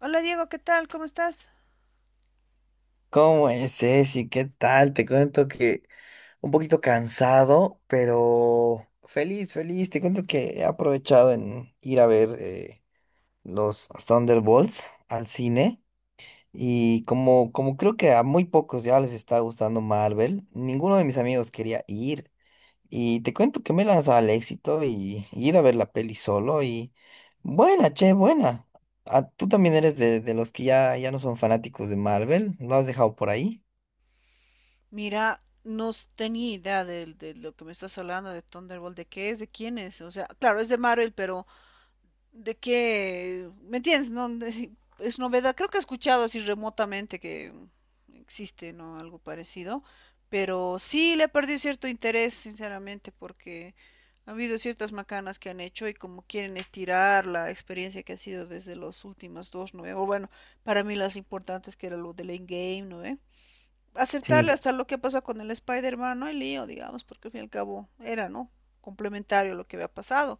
Hola Diego, ¿qué tal? ¿Cómo estás? ¿Cómo es, Ceci? ¿Qué tal? Te cuento que un poquito cansado, pero feliz, feliz. Te cuento que he aprovechado en ir a ver los Thunderbolts al cine y como creo que a muy pocos ya les está gustando Marvel, ninguno de mis amigos quería ir, y te cuento que me he lanzado al éxito y, ir a ver la peli solo y buena, che, buena. Ah, ¿tú también eres de los que ya, ya no son fanáticos de Marvel? ¿Lo has dejado por ahí? Mira, no s- tenía idea de lo que me estás hablando de Thunderbolt, de qué es, de quién es. O sea, claro, es de Marvel, pero de qué, ¿me entiendes? No, De- es novedad. Creo que he escuchado así remotamente que existe, ¿no? Algo parecido. Pero sí le perdí cierto interés, sinceramente, porque ha habido ciertas macanas que han hecho y como quieren estirar la experiencia que ha sido desde las últimas dos, ¿no ve? O bueno, para mí las importantes que era lo del Endgame, ¿no ve? Aceptarle Sí, hasta lo que pasa con el Spider-Man, no hay lío, digamos, porque al fin y al cabo era, ¿no? Complementario a lo que había pasado,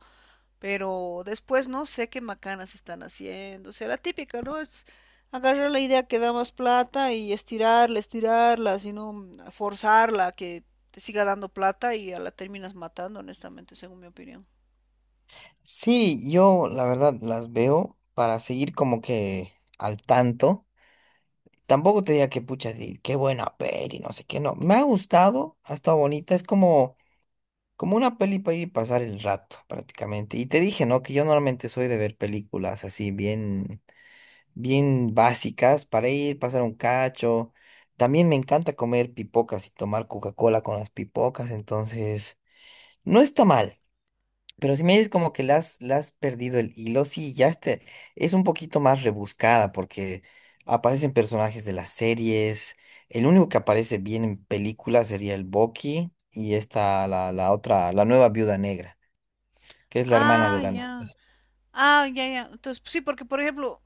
pero después no sé qué macanas están haciendo, o sea, la típica, ¿no? Es agarrar la idea que da más plata y estirarla, estirarla, sino forzarla a que te siga dando plata y a la terminas matando, honestamente, según mi opinión. sí, yo la verdad las veo para seguir como que al tanto. Tampoco te diga que pucha, qué buena peli, no sé qué, no. Me ha gustado, ha estado bonita, es como, como una peli para ir y pasar el rato prácticamente. Y te dije, ¿no? Que yo normalmente soy de ver películas así bien, bien básicas para ir, pasar un cacho. También me encanta comer pipocas y tomar Coca-Cola con las pipocas, entonces no está mal. Pero si me dices como que le has perdido el hilo, sí, ya este es un poquito más rebuscada porque aparecen personajes de las series. El único que aparece bien en películas sería el Bucky y esta, la otra, la nueva viuda negra, que es la hermana de Ah, la... ya. Ah, ya, ya. Entonces, pues sí, porque por ejemplo,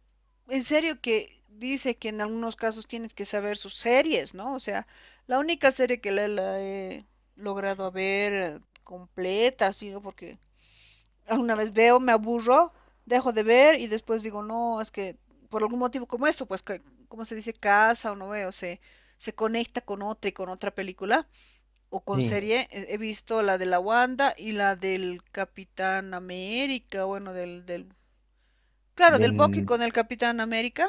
en serio que dice que en algunos casos tienes que saber sus series, ¿no? O sea, la única serie que la he logrado a ver completa, así, ¿no? Porque alguna vez veo, me aburro, dejo de ver y después digo, no, es que por algún motivo como esto, pues, que, como se dice, casa o no veo, se conecta con otra y con otra película o con Sí, serie. He visto la de la Wanda y la del Capitán América, bueno, del claro, del Bucky del... con el Capitán América.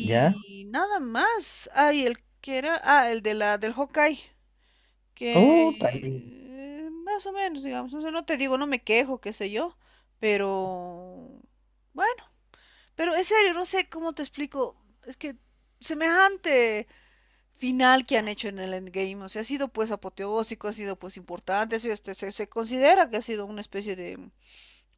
¿Ya? nada más. Ay, el que era. Ah, el de la, del Hawkeye. Uh, Que más o menos, digamos. O sea, no te digo, no me quejo, qué sé yo. Pero. Bueno, pero en serio, no sé cómo te explico. Es que semejante final que han hecho en el Endgame. O sea, ha sido pues apoteósico, ha sido pues importante. Ha sido, este, se considera que ha sido una especie de,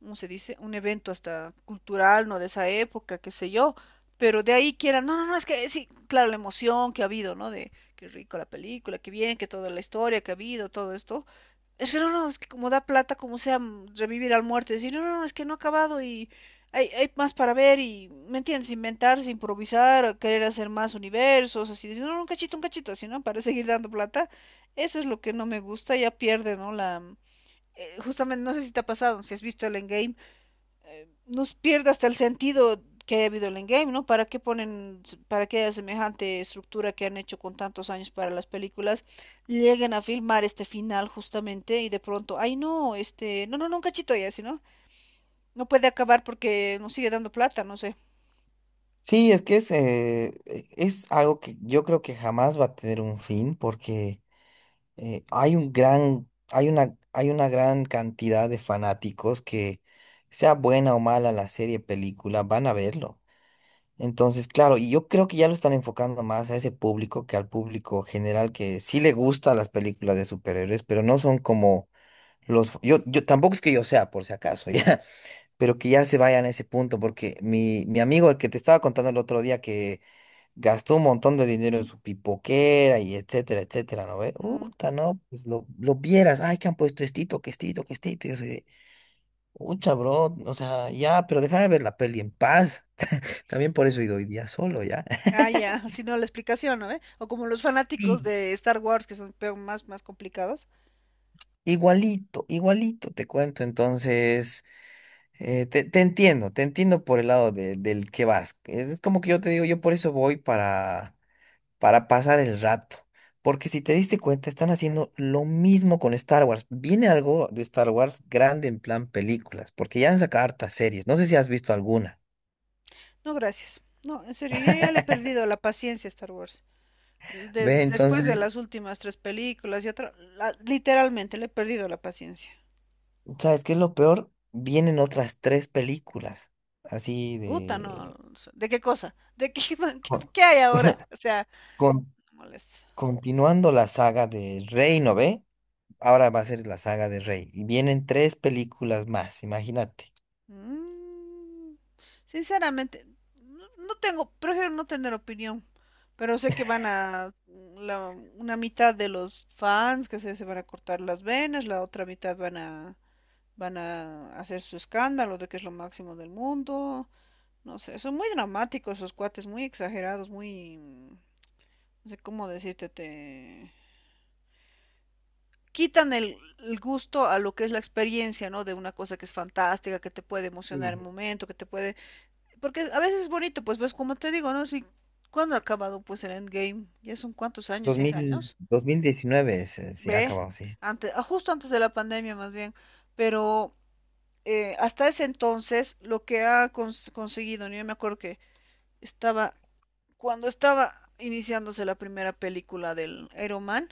¿cómo se dice? Un evento hasta cultural, ¿no? De esa época, qué sé yo. Pero de ahí quieran, no, no, no, es que sí, claro, la emoción que ha habido, ¿no? De qué rico la película, qué bien, que toda la historia que ha habido, todo esto. Es que no, no, es que como da plata, como sea, revivir al muerto, decir, no, no, no, es que no ha acabado y hay más para ver y, ¿me entiendes? Inventarse, improvisar, querer hacer más universos, así, decir, no, no, un cachito, así, ¿no? Para seguir dando plata. Eso es lo que no me gusta, ya pierde, ¿no? La, justamente, no sé si te ha pasado, si has visto el Endgame, nos pierde hasta el sentido que ha habido el endgame, ¿no? ¿Para qué ponen, para qué haya semejante estructura que han hecho con tantos años para las películas, lleguen a filmar este final justamente y de pronto, ay no, este, no, no, no, un cachito ya, si no, no puede acabar porque nos sigue dando plata, no sé. sí, es que es, es algo que yo creo que jamás va a tener un fin porque... hay un gran, hay una gran cantidad de fanáticos que, sea buena o mala la serie, película, van a verlo. Entonces, claro, y yo creo que ya lo están enfocando más a ese público que al público general que sí le gustan las películas de superhéroes, pero no son como los... Yo tampoco es que yo sea, por si acaso, ya, pero que ya se vayan a ese punto, porque mi amigo, el que te estaba contando el otro día que gastó un montón de dinero en su pipoquera y etcétera, etcétera, ¿no ve? Mm. Uta, no, pues lo vieras, ay, que han puesto estito, que estito, que estito. Y yo soy de, ucha, bro, o sea, ya, pero déjame ver la peli en paz. También por eso he ido hoy día solo, ¿ya? Ah, ya, si no la explicación, ¿no? ¿Eh? O como los fanáticos Sí, de Star Wars que son más, más complicados. igualito, igualito, te cuento. Entonces, te, te entiendo por el lado del que vas. Es como que yo te digo, yo por eso voy para. Para pasar el rato. Porque si te diste cuenta, están haciendo lo mismo con Star Wars. Viene algo de Star Wars grande en plan películas, porque ya han sacado hartas series. No sé si has visto alguna. No, gracias. No, en serio, yo ya le he perdido la paciencia a Star Wars. Ve, Después de entonces, las últimas tres películas y otra, literalmente le he perdido la paciencia. ¿sabes qué es lo peor? Vienen otras tres películas, así Uta, no. de... O sea, ¿de qué cosa? ¿De qué, qué, con- qué hay ahora? O sea, con- no molesta. continuando la saga de Rey, ¿no ve? Ahora va a ser la saga de Rey. Y vienen tres películas más, imagínate. Mm, sinceramente, no, no tengo, prefiero no tener opinión, pero sé que van a, una mitad de los fans que se van a cortar las venas, la otra mitad van a, van a hacer su escándalo de que es lo máximo del mundo. No sé, son muy dramáticos esos cuates, muy exagerados, muy... no sé cómo decirte, te... Quitan el gusto a lo que es la experiencia, ¿no? De una cosa que es fantástica, que te puede emocionar en el Sí. momento, que te puede... Porque a veces es bonito, pues ves, como te digo, ¿no? Si, ¿cuándo ha acabado pues el Endgame? ¿Ya son cuántos años? ¿Seis 2000, años? 2019 se, se Ve, acabó, sí. antes, ah, justo antes de la pandemia más bien, pero hasta ese entonces lo que ha conseguido, ¿no? Yo me acuerdo que estaba cuando estaba iniciándose la primera película del Iron Man,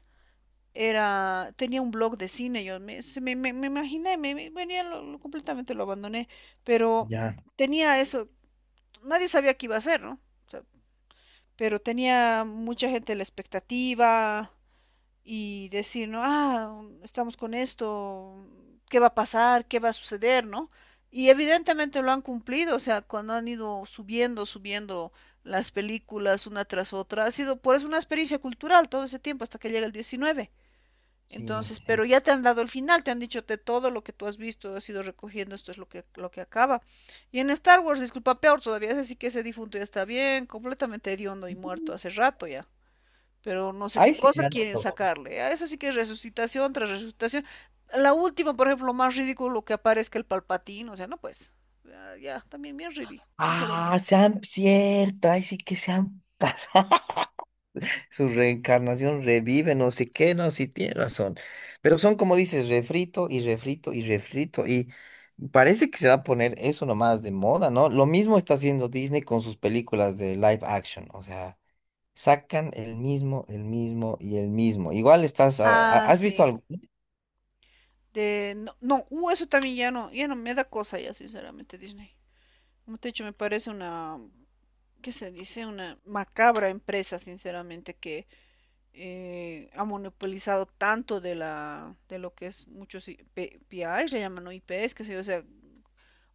era, tenía un blog de cine, yo me imaginé, venía, completamente lo abandoné, pero Ya. tenía eso, nadie sabía qué iba a hacer, ¿no? O sea, pero tenía mucha gente la expectativa, y decir, ¿no? Ah, estamos con esto, ¿qué va a pasar? ¿Qué va a suceder? ¿No? Y evidentemente lo han cumplido, o sea, cuando han ido subiendo, subiendo las películas una tras otra, ha sido por eso una experiencia cultural todo ese tiempo hasta que llega el 19. Sí, Entonces, pero sí. ya te han dado el final, te han dicho te todo lo que tú has visto, has ido recogiendo, esto es lo que acaba. Y en Star Wars, disculpa, peor todavía, es así que ese difunto ya está bien, completamente hediondo y muerto hace rato ya, pero no sé qué Ay, sí, se cosa han. quieren sacarle. A eso sí que es resucitación tras resucitación. La última, por ejemplo, más ridículo que aparezca el palpatín, o sea, no pues, ya, ya, también bien ridículo, Ah, sinceramente. sean cierto. Ay, sí que se han pasado. Su reencarnación revive, no sé qué, no, sí tiene razón. Pero son como dices, refrito y refrito y refrito. Y parece que se va a poner eso nomás de moda, ¿no? Lo mismo está haciendo Disney con sus películas de live action. O sea, sacan el mismo y el mismo. Igual estás. Ah, ¿Has visto sí. algo? De, no, no, eso también ya no, ya no me da cosa ya, sinceramente, Disney. Como te he dicho, me parece una, ¿qué se dice? Una macabra empresa, sinceramente, que ha monopolizado tanto de la de lo que es muchos IPs, le llaman ¿no? IPs, qué sé yo, o sea,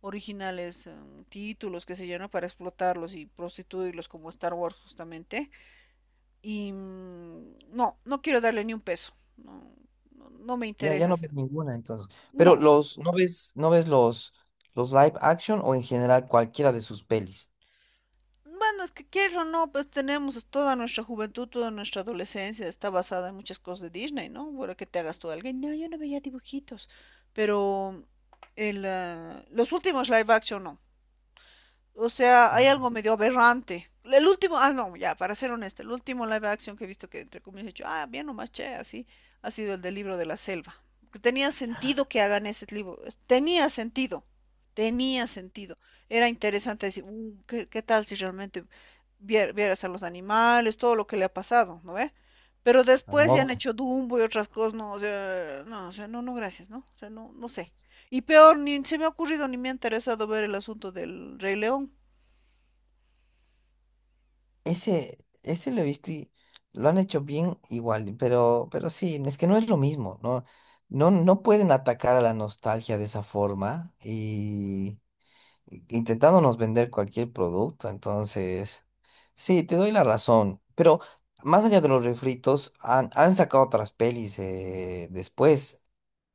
originales títulos, qué sé yo, ¿no? Para explotarlos y prostituirlos como Star Wars justamente. Y no, no quiero darle ni un peso. No, no, no me Ya, ya no interesas. ves ninguna entonces. Pero No. los, ¿no ves, no ves los live action o en general cualquiera de sus pelis? Bueno, es que quieras o no, pues tenemos toda nuestra juventud, toda nuestra adolescencia, está basada en muchas cosas de Disney, ¿no? Bueno, que te hagas tú alguien, no, yo no veía dibujitos, pero el, ah, los últimos live action no. O sea, hay Ah, algo medio aberrante. El último, ah, no, ya, para ser honesta, el último live action que he visto que entre comillas he dicho, ah, bien nomás, che, así, ha sido el del libro de la selva. Tenía sentido que hagan ese libro, tenía sentido, tenía sentido. Era interesante decir, ¿qué, qué tal si realmente vieras a los animales, todo lo que le ha pasado, ¿no ve? Pero al después ya han Mogli. hecho Dumbo y otras cosas, no, o sea, no, o sea, no, no, gracias, ¿no? O sea, no, no sé. Y peor, ni se me ha ocurrido ni me ha interesado ver el asunto del Rey León. Ese lo he visto y lo han hecho bien igual, pero sí, es que no es lo mismo, ¿no? No, no pueden atacar a la nostalgia de esa forma intentándonos vender cualquier producto. Entonces, sí, te doy la razón. Pero más allá de los refritos, han, han sacado otras pelis después.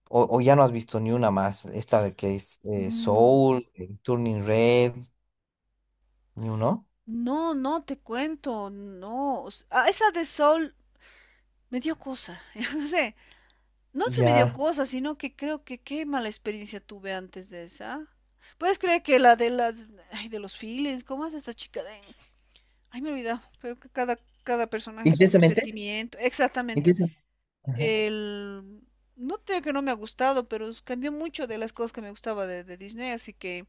O ya no has visto ni una más. Esta de que es No, Soul, Turning Red, ni uno. no, no te cuento, no. Ah, esa de Sol me dio cosa, no sé, no se me dio Ya. cosa, sino que creo que qué mala experiencia tuve antes de esa. ¿Puedes creer que la de las, ay, de los feelings, cómo es esta chica de, ay, me he olvidado, pero que cada personaje es un Intensamente. sentimiento, exactamente. Intensa. Ajá. El, no tengo que no me ha gustado, pero cambió mucho de las cosas que me gustaba de Disney, así que,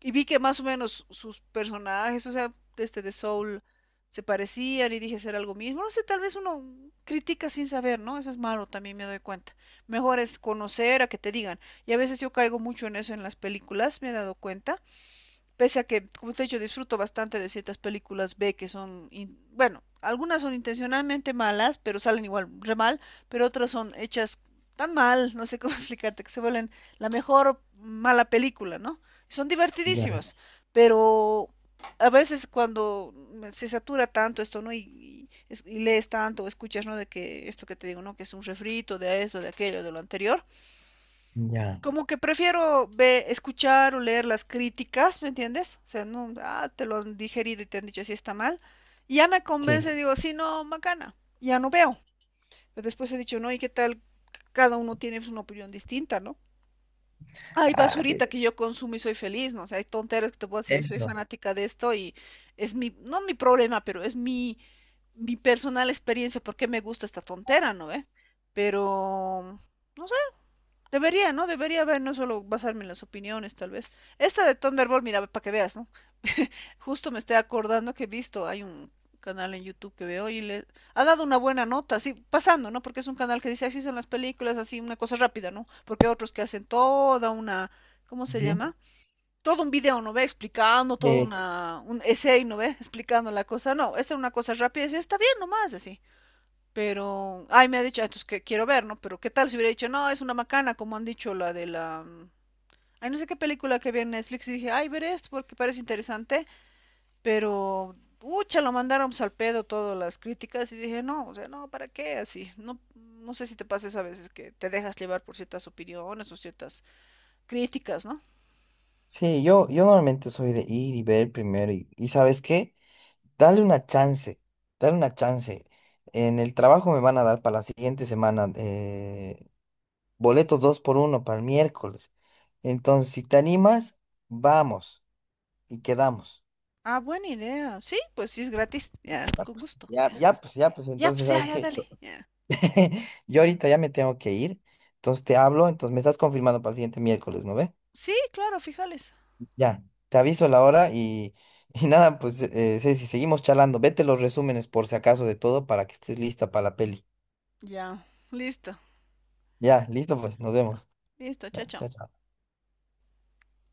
y vi que más o menos sus personajes, o sea, este de Soul, se parecían y dije será algo mismo. No sé, tal vez uno critica sin saber, ¿no? Eso es malo, también me doy cuenta. Mejor es conocer a que te digan. Y a veces yo caigo mucho en eso en las películas, me he dado cuenta. Pese a que, como te he dicho, disfruto bastante de ciertas películas B que son, bueno, algunas son intencionalmente malas, pero salen igual re mal, pero otras son hechas tan mal, no sé cómo explicarte, que se vuelven la mejor mala película, ¿no? Son Ya, divertidísimas, pero a veces cuando se satura tanto esto, ¿no? Y y lees tanto o escuchas, ¿no? De que esto que te digo, ¿no? Que es un refrito de esto, de aquello, de lo anterior, ya. como que prefiero escuchar o leer las críticas, ¿me entiendes? O sea, no, ah, te lo han digerido y te han dicho si está mal. Y ya me Sí. convence, digo, sí, no, macana, ya no veo. Pero después he dicho, no, ¿y qué tal? Cada uno tiene pues, una opinión distinta, ¿no? Hay Ah, e- basurita que yo consumo y soy feliz, ¿no? O sea, hay tonteras que te puedo decir, yo soy eso. fanática de esto y es mi, no mi problema, pero es mi, mi personal experiencia, porque me gusta esta tontera, ¿no? ¿Eh? Pero, no debería, ¿no? Debería haber, no solo basarme en las opiniones, tal vez. Esta de Thunderbolt, mira, para que veas, ¿no? Justo me estoy acordando que he visto, hay un canal en YouTube que veo y le ha dado una buena nota, así pasando, ¿no? Porque es un canal que dice así son las películas, así una cosa rápida, ¿no? Porque hay otros que hacen toda una, ¿cómo se Ujú. llama? Todo un video, ¿no ve? Explicando, todo Eh, una, un essay, ¿no ve? Explicando la cosa. No, esta es una cosa rápida, y dice, está bien nomás, así. Pero, ay, me ha dicho, ah, entonces que quiero ver, ¿no? Pero qué tal si hubiera dicho, no, es una macana, como han dicho la de la... Ay, no sé qué película que vi en Netflix y dije, ay, veré esto porque parece interesante, pero, ucha, lo mandaron pues, al pedo todas las críticas y dije, no, o sea, no, ¿para qué? Así, no, no sé si te pasa eso a veces, que te dejas llevar por ciertas opiniones o ciertas críticas, ¿no? sí, yo normalmente soy de ir y ver primero. Y ¿sabes qué? Dale una chance, dale una chance. En el trabajo me van a dar para la siguiente semana boletos 2x1 para el miércoles. Entonces, si te animas, vamos y quedamos. Ah, buena idea. Sí, pues sí es gratis. Ya, con gusto. Ya, Ya pues, ya pues. ya, pues Entonces, ya, ¿sabes ya, qué? dale. Ya. Yo ahorita ya me tengo que ir. Entonces te hablo, entonces me estás confirmando para el siguiente miércoles, ¿no ve? Sí, claro, fíjales. Ya, te aviso la hora y, y nada, pues Ceci, seguimos charlando. Vete los resúmenes por si acaso de todo para que estés lista para la peli. Ya, listo. Ya, listo pues, nos Ya. vemos. Listo, Ya, chao, chao. chao, chao.